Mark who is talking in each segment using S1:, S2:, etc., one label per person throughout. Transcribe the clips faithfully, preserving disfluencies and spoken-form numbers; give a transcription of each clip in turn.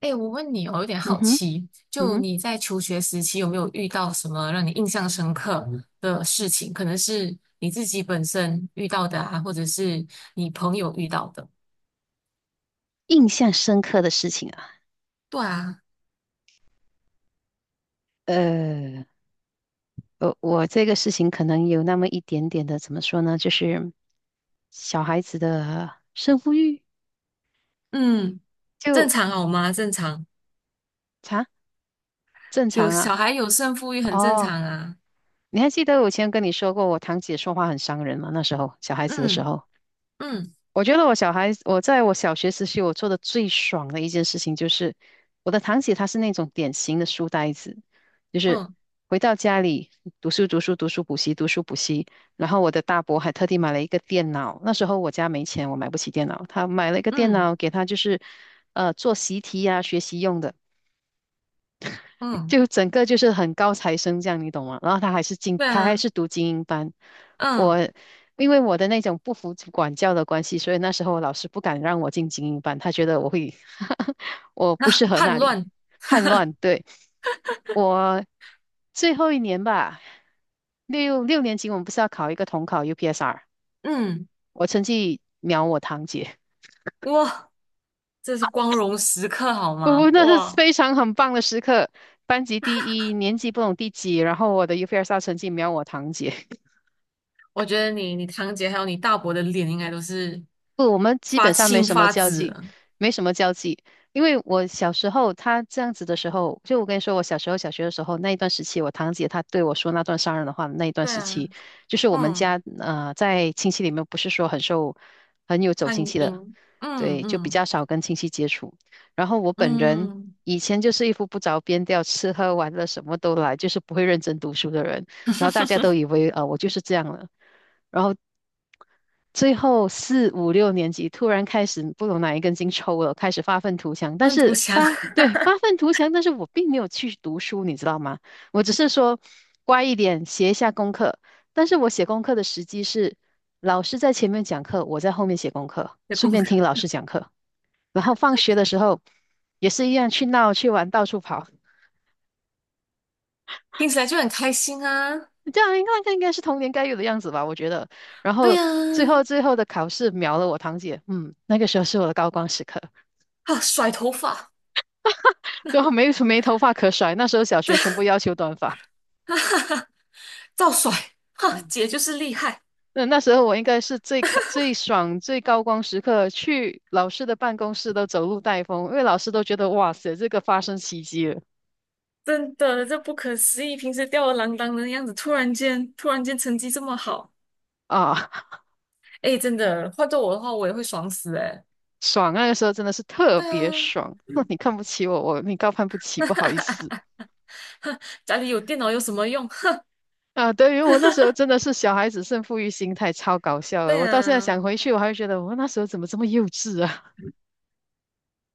S1: 哎，我问你哦，有点
S2: 嗯
S1: 好
S2: 哼，
S1: 奇，
S2: 嗯
S1: 就
S2: 哼，
S1: 你在求学时期有没有遇到什么让你印象深刻嗯的事情？可能是你自己本身遇到的啊，或者是你朋友遇到的。
S2: 印象深刻的事情啊，
S1: 对啊，
S2: 呃，我我这个事情可能有那么一点点的，怎么说呢，就是小孩子的胜负欲
S1: 嗯，正
S2: 就
S1: 常好吗？正常，
S2: 啊，正
S1: 有
S2: 常啊。
S1: 小孩有胜负欲很正
S2: 哦，
S1: 常啊。
S2: 你还记得我以前跟你说过，我堂姐说话很伤人吗？那时候小孩子的时
S1: 嗯
S2: 候。
S1: 嗯
S2: 我觉得我小孩，我在我小学时期，我做的最爽的一件事情就是，我的堂姐她是那种典型的书呆子，就是
S1: 嗯
S2: 回到家里读书读书读书补习读书补习，然后我的大伯还特地买了一个电脑，那时候我家没钱，我买不起电脑，他买了一个电
S1: 嗯
S2: 脑给他就是，呃，做习题呀、学习用的。
S1: 嗯，
S2: 就整个就是很高材生这样，你懂吗？然后他还是精，
S1: 对
S2: 他还
S1: 啊，
S2: 是读精英班。我
S1: 嗯
S2: 因为我的那种不服管教的关系，所以那时候老师不敢让我进精英班，他觉得我会，我不适
S1: 那
S2: 合
S1: 叛
S2: 那里，
S1: 乱，
S2: 叛乱。对，我最后一年吧，六六年级我们不是要考一个统考 U P S R，
S1: 嗯，
S2: 我成绩秒我堂姐。
S1: 哇，这是光荣时刻好
S2: 不
S1: 吗？
S2: 不，那是
S1: 哇，
S2: 非常很棒的时刻，班级第一，年级不懂第几，然后我的 U P S R 成绩秒我堂姐。
S1: 我觉得你、你堂姐还有你大伯的脸应该都是
S2: 不，我们基
S1: 发
S2: 本上没
S1: 青
S2: 什么
S1: 发
S2: 交
S1: 紫
S2: 际，
S1: 了。
S2: 没什么交际。因为我小时候他这样子的时候，就我跟你说，我小时候小学的时候那一段时期，我堂姐她对我说那段伤人的话的那一段
S1: 对
S2: 时
S1: 啊，
S2: 期，就是我们
S1: 嗯，
S2: 家呃在亲戚里面不是说很受很有走
S1: 潘
S2: 亲戚的，
S1: 英，嗯
S2: 对，就比较
S1: 嗯
S2: 少跟亲戚接触。然后我本人
S1: 嗯，
S2: 以前就是一副不着边调，吃喝玩乐什么都来，就是不会认真读书的人。然后大家都以为呃我就是这样了。然后最后四五六年级突然开始不懂哪一根筋抽了，开始发愤图强。但
S1: 万图
S2: 是
S1: 祥
S2: 发，对，发愤图强，但是我并没有去读书，你知道吗？我只是说乖一点，写一下功课。但是我写功课的时机是老师在前面讲课，我在后面写功课，
S1: 的
S2: 顺
S1: 功课
S2: 便听老师讲课。然后放学的时候也是一样去闹去玩，到处跑。
S1: 听起来就很开心啊。
S2: 这样应该应该是童年该有的样子吧，我觉得。然
S1: 对
S2: 后
S1: 啊，
S2: 最后最后的考试秒了我堂姐，嗯，那个时候是我的高光时刻。
S1: 啊，甩头发，
S2: 对啊，没没头发可甩。那时候小学全部要求短发，
S1: 照甩，哈，
S2: 嗯，
S1: 姐就是厉害，
S2: 那那时候我应该是最开最爽、最高光时刻，去老师的办公室都走路带风，因为老师都觉得哇塞，这个发生奇迹了
S1: 真的，这不可思议，平时吊儿郎当的样子，突然间突然间成绩这么好，
S2: 啊，
S1: 哎，真的，换做我的话，我也会爽死哎。
S2: 爽！那个时候真的是特
S1: 对
S2: 别
S1: 啊。
S2: 爽。那你看不起我，我你高攀不起，不好意思
S1: 家里有电脑有什么用？哼，
S2: 啊。对于我那时候真的是小孩子胜负欲心态，超搞笑的。
S1: 对
S2: 我到现在
S1: 啊，
S2: 想回去，我还会觉得我那时候怎么这么幼稚啊？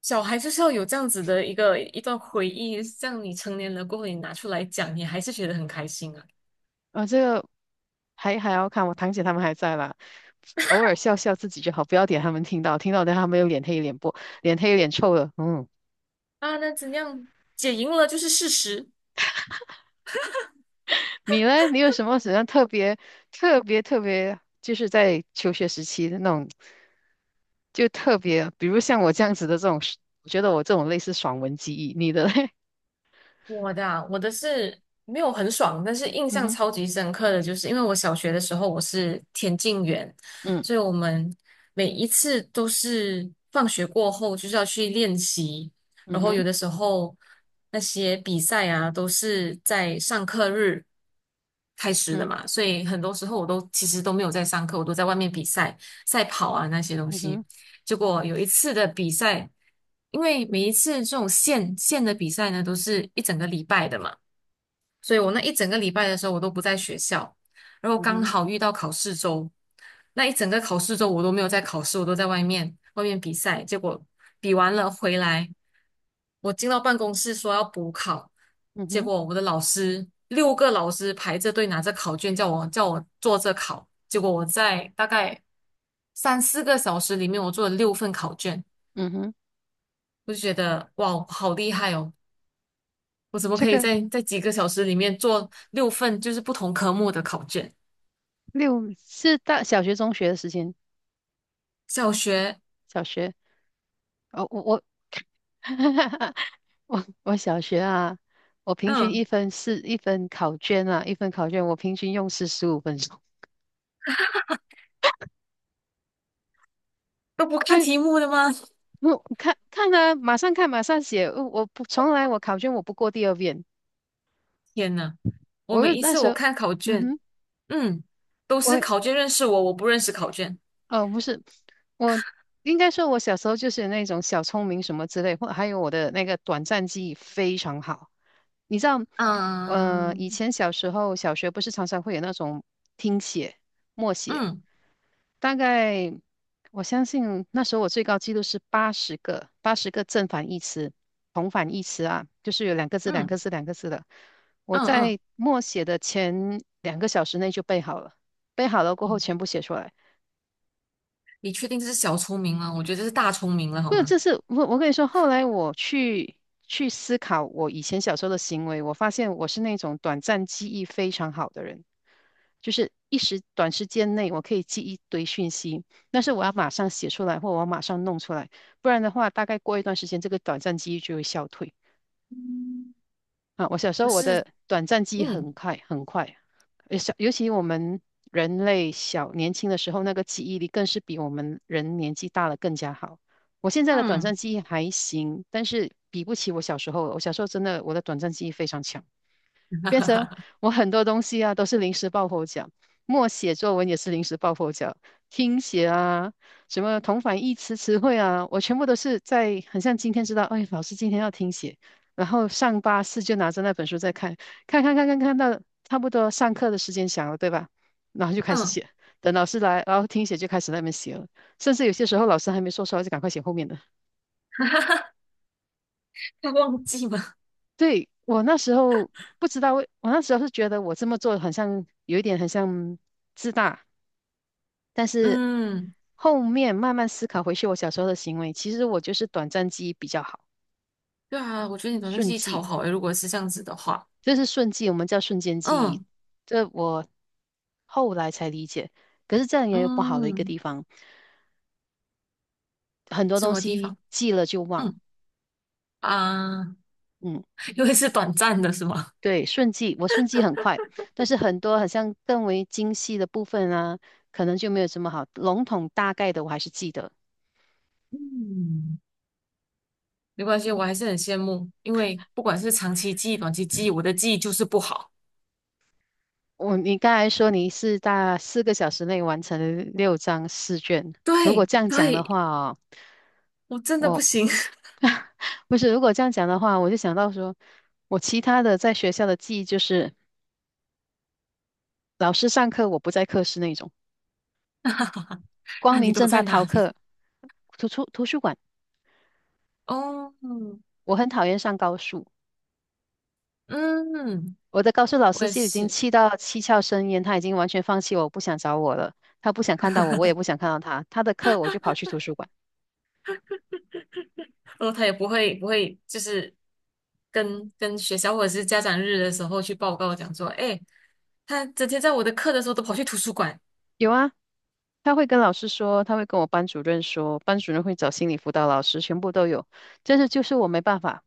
S1: 小孩就是要有这样子的一个一段回忆，像你成年了过后，你拿出来讲，你还是觉得很开心啊。
S2: 啊，这个还还要看我堂姐他们还在啦，偶尔笑笑自己就好，不要点他们听到，听到等他们又脸黑脸不脸黑脸臭了。嗯，
S1: 啊，那怎样？姐赢了就是事实。
S2: 你呢？你有什么什么特别特别特别，就是在求学时期的那种，就特别，比如像我这样子的这种，我觉得我这种类似爽文记忆，你的嘞？
S1: 我的啊我的是没有很爽，但是印
S2: 嗯
S1: 象
S2: 哼，
S1: 超级深刻的就是，因为我小学的时候我是田径员，
S2: 嗯
S1: 所以我们每一次都是放学过后就是要去练习，
S2: 嗯
S1: 然后有
S2: 哼，
S1: 的时候那些比赛啊都是在上课日开始的
S2: 嗯
S1: 嘛，所以很多时候我都其实都没有在上课，我都在外面比赛、赛跑啊那些东
S2: 嗯
S1: 西。
S2: 哼，
S1: 结果有一次的比赛，因为每一次这种县县的比赛呢，都是一整个礼拜的嘛，所以我那一整个礼拜的时候，我都不在学校，然后
S2: 嗯
S1: 刚
S2: 哼，
S1: 好遇到考试周，那一整个考试周我都没有在考试，我都在外面外面比赛。结果比完了回来，我进到办公室说要补考，
S2: 嗯
S1: 结
S2: 哼，
S1: 果我的老师六个老师排着队拿着考卷叫我叫我做着考，结果我在大概三四个小时里面，我做了六份考卷。
S2: 嗯哼，
S1: 我就觉得哇，我好厉害哦！我怎么
S2: 这
S1: 可以
S2: 个
S1: 在在几个小时里面做六份就是不同科目的考卷？
S2: 六是大小学中学的时间，
S1: 小学，
S2: 小学哦，我我。我我小学啊，我平均
S1: 嗯，
S2: 一分四一分考卷啊，一分考卷我平均用时十五分钟。
S1: 都不 看
S2: 对，
S1: 题目的吗？
S2: 我看看啊，马上看，马上写。呃我不从来我考卷我不过第二遍。
S1: 天呐，我
S2: 我
S1: 每
S2: 就
S1: 一
S2: 那
S1: 次
S2: 时
S1: 我
S2: 候，
S1: 看考
S2: 嗯
S1: 卷，
S2: 哼，
S1: 嗯，都是
S2: 我
S1: 考卷认识我，我不认识考卷。
S2: 哦不是，我应该说我小时候就是那种小聪明什么之类，或还有我的那个短暂记忆非常好。你知道，呃，
S1: 嗯
S2: 以前小时候小学不是常常会有那种听写、默写。
S1: 嗯
S2: 大概我相信那时候我最高记录是八十个，八十个正反义词、同反义词啊，就是有两个字、两
S1: 嗯
S2: 个字、两个字的。我
S1: 嗯嗯，
S2: 在默写的前两个小时内就背好了，背好了过后全部写出来。
S1: 你确定这是小聪明吗？我觉得这是大聪明了，好
S2: 不是，
S1: 吗？
S2: 这是我我跟你说，后来我去去思考我以前小时候的行为，我发现我是那种短暂记忆非常好的人，就是一时短时间内我可以记一堆讯息，但是我要马上写出来，或我要马上弄出来，不然的话，大概过一段时间，这个短暂记忆就会消退。啊，我小时
S1: 可
S2: 候我
S1: 是，
S2: 的短暂记忆
S1: 嗯
S2: 很快很快，呃小尤其我们人类小年轻的时候，那个记忆力更是比我们人年纪大了更加好。我现在的短
S1: 嗯
S2: 暂记忆还行，但是比不起我小时候了，我小时候真的我的短暂记忆非常强。变成我很多东西啊都是临时抱佛脚，默写作文也是临时抱佛脚，听写啊，什么同反义词词汇啊，我全部都是在很像今天知道，哎，老师今天要听写，然后上巴士就拿着那本书在看，看看看看看到差不多上课的时间响了，对吧？然后就开始
S1: 嗯，
S2: 写，等老师来，然后听写就开始在那边写了，甚至有些时候老师还没说出来就赶快写后面的。
S1: 他忘记吗？
S2: 对，我那时候不知道为，我那时候是觉得我这么做很像有一点很像自大，但是
S1: 嗯，
S2: 后面慢慢思考回去我小时候的行为，其实我就是短暂记忆比较好，
S1: 对啊，我觉得你短信
S2: 瞬
S1: 记忆超
S2: 记，
S1: 好诶，如果是这样子的话。
S2: 这是瞬记，我们叫瞬间记忆，
S1: 嗯
S2: 这我后来才理解。可是这样也有不好的一个
S1: 嗯，
S2: 地方，很多
S1: 什
S2: 东
S1: 么地
S2: 西
S1: 方？
S2: 记了就忘，
S1: 嗯啊，
S2: 嗯。
S1: 因为是短暂的，是吗？
S2: 对，顺记，我顺记很快，但是很多好像更为精细的部分啊，可能就没有这么好。笼统大概的我还是记得。
S1: 嗯，没关系，我还是很羡慕，因为不管是长期记忆、短期记忆，我的记忆就是不好。
S2: 我，你刚才说你是大四个小时内完成了六张试卷，如果
S1: 对
S2: 这样讲的
S1: 对，
S2: 话哦，
S1: 我真的不
S2: 我
S1: 行。
S2: 不是，如果这样讲的话，我就想到说，我其他的在学校的记忆就是老师上课我不在课室那种，光
S1: 啊，你
S2: 明
S1: 都
S2: 正大
S1: 在哪
S2: 逃
S1: 里？
S2: 课，图书图书馆，
S1: 哦，
S2: 我很讨厌上高数。
S1: 嗯，
S2: 我的高数老
S1: 我
S2: 师
S1: 也
S2: 就已经
S1: 是。
S2: 气到七窍生烟，他已经完全放弃我，不想找我了。他不想看到我，我也不想看到他。他的课我就跑去图书馆。
S1: 然后他也不会不会，就是跟跟学校或者是家长日的时候去报告讲说，哎，他整天在我的课的时候都跑去图书馆。
S2: 有啊，他会跟老师说，他会跟我班主任说，班主任会找心理辅导老师，全部都有。但是就是我没办法，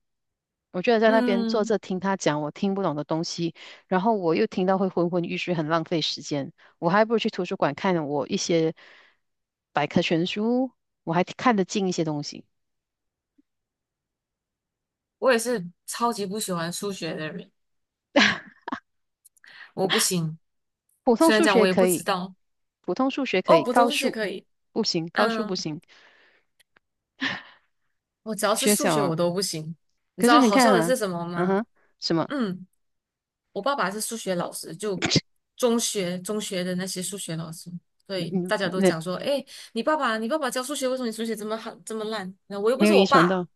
S2: 我觉得在那边坐
S1: 嗯。
S2: 着听他讲我听不懂的东西，然后我又听到会昏昏欲睡，很浪费时间。我还不如去图书馆看我一些百科全书，我还看得进一些东西。
S1: 我也是超级不喜欢数学的人，我不行。
S2: 普通
S1: 虽然
S2: 数
S1: 讲我
S2: 学
S1: 也不
S2: 可
S1: 知
S2: 以。
S1: 道，
S2: 普通数学可
S1: 哦，
S2: 以，
S1: 普通
S2: 高
S1: 数学
S2: 数
S1: 可以，
S2: 不行，高数不
S1: 嗯，
S2: 行，
S1: 我只要是
S2: 学
S1: 数
S2: 小
S1: 学我
S2: 啊。
S1: 都不行。你
S2: 可
S1: 知
S2: 是
S1: 道
S2: 你
S1: 好
S2: 看
S1: 笑的
S2: 啊，
S1: 是什么
S2: 嗯
S1: 吗？
S2: 哼，什么？
S1: 嗯，我爸爸是数学老师，就中学中学的那些数学老师，所以
S2: 嗯，
S1: 大家都
S2: 那
S1: 讲说，哎，你爸爸你爸爸教数学，为什么你数学这么好这么烂？那我又不
S2: 没有
S1: 是
S2: 遗
S1: 我
S2: 传
S1: 爸，
S2: 到，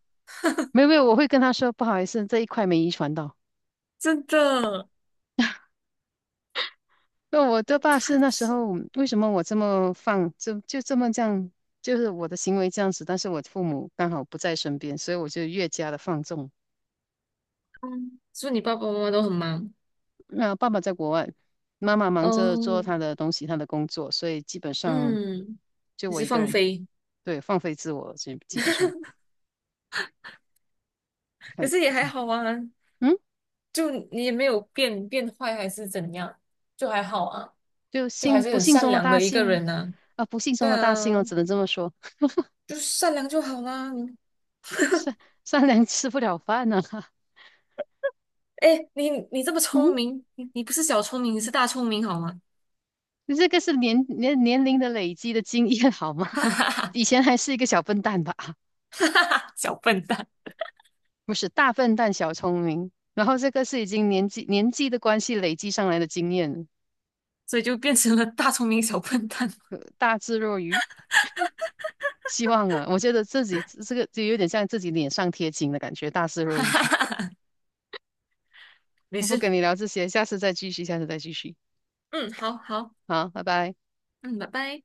S2: 没有没有，我会跟他说不好意思，这一块没遗传到。
S1: 真的。
S2: 那我
S1: 那
S2: 的爸
S1: 他
S2: 是那时
S1: 是，
S2: 候为什么我这么放，就就这么这样，就是我的行为这样子，但是我父母刚好不在身边，所以我就越加的放纵。
S1: 嗯，是不是你爸爸妈妈都很忙？
S2: 那爸爸在国外，妈妈忙着做
S1: 哦，
S2: 她的东西，她的工作，所以基本上
S1: 嗯，
S2: 就
S1: 你
S2: 我
S1: 是
S2: 一个
S1: 放
S2: 人，
S1: 飞。
S2: 对，放飞自我，基基本上。
S1: 可
S2: 很
S1: 是也还好啊，
S2: 嗯，
S1: 就你也没有变变坏还是怎样，就还好啊，
S2: 就
S1: 就还
S2: 幸
S1: 是
S2: 不
S1: 很
S2: 幸
S1: 善
S2: 中的
S1: 良
S2: 大
S1: 的一个
S2: 幸
S1: 人呢、
S2: 啊，不幸
S1: 对
S2: 中的大
S1: 啊，
S2: 幸哦，只能这么说。
S1: 就善良就好啦。
S2: 善善良吃不了饭呢、啊
S1: 哎，你你这么 聪
S2: 嗯，
S1: 明，你你不是小聪明，你是大聪明好吗？
S2: 这个是年年年龄的累积的经验好吗？以前还是一个小笨蛋吧，
S1: 哈哈哈，小笨蛋，
S2: 不是大笨蛋小聪明，然后这个是已经年纪年纪的关系累积上来的经验，
S1: 所以就变成了大聪明小笨蛋。
S2: 大智若愚。希望啊，我觉得自己这个就有点像自己脸上贴金的感觉，大智
S1: 哈
S2: 若愚。
S1: 哈哈，没
S2: 不
S1: 事，
S2: 跟你聊这些，下次再继续，下次再继续。
S1: 嗯，好好，
S2: 好，拜拜。
S1: 嗯，拜拜。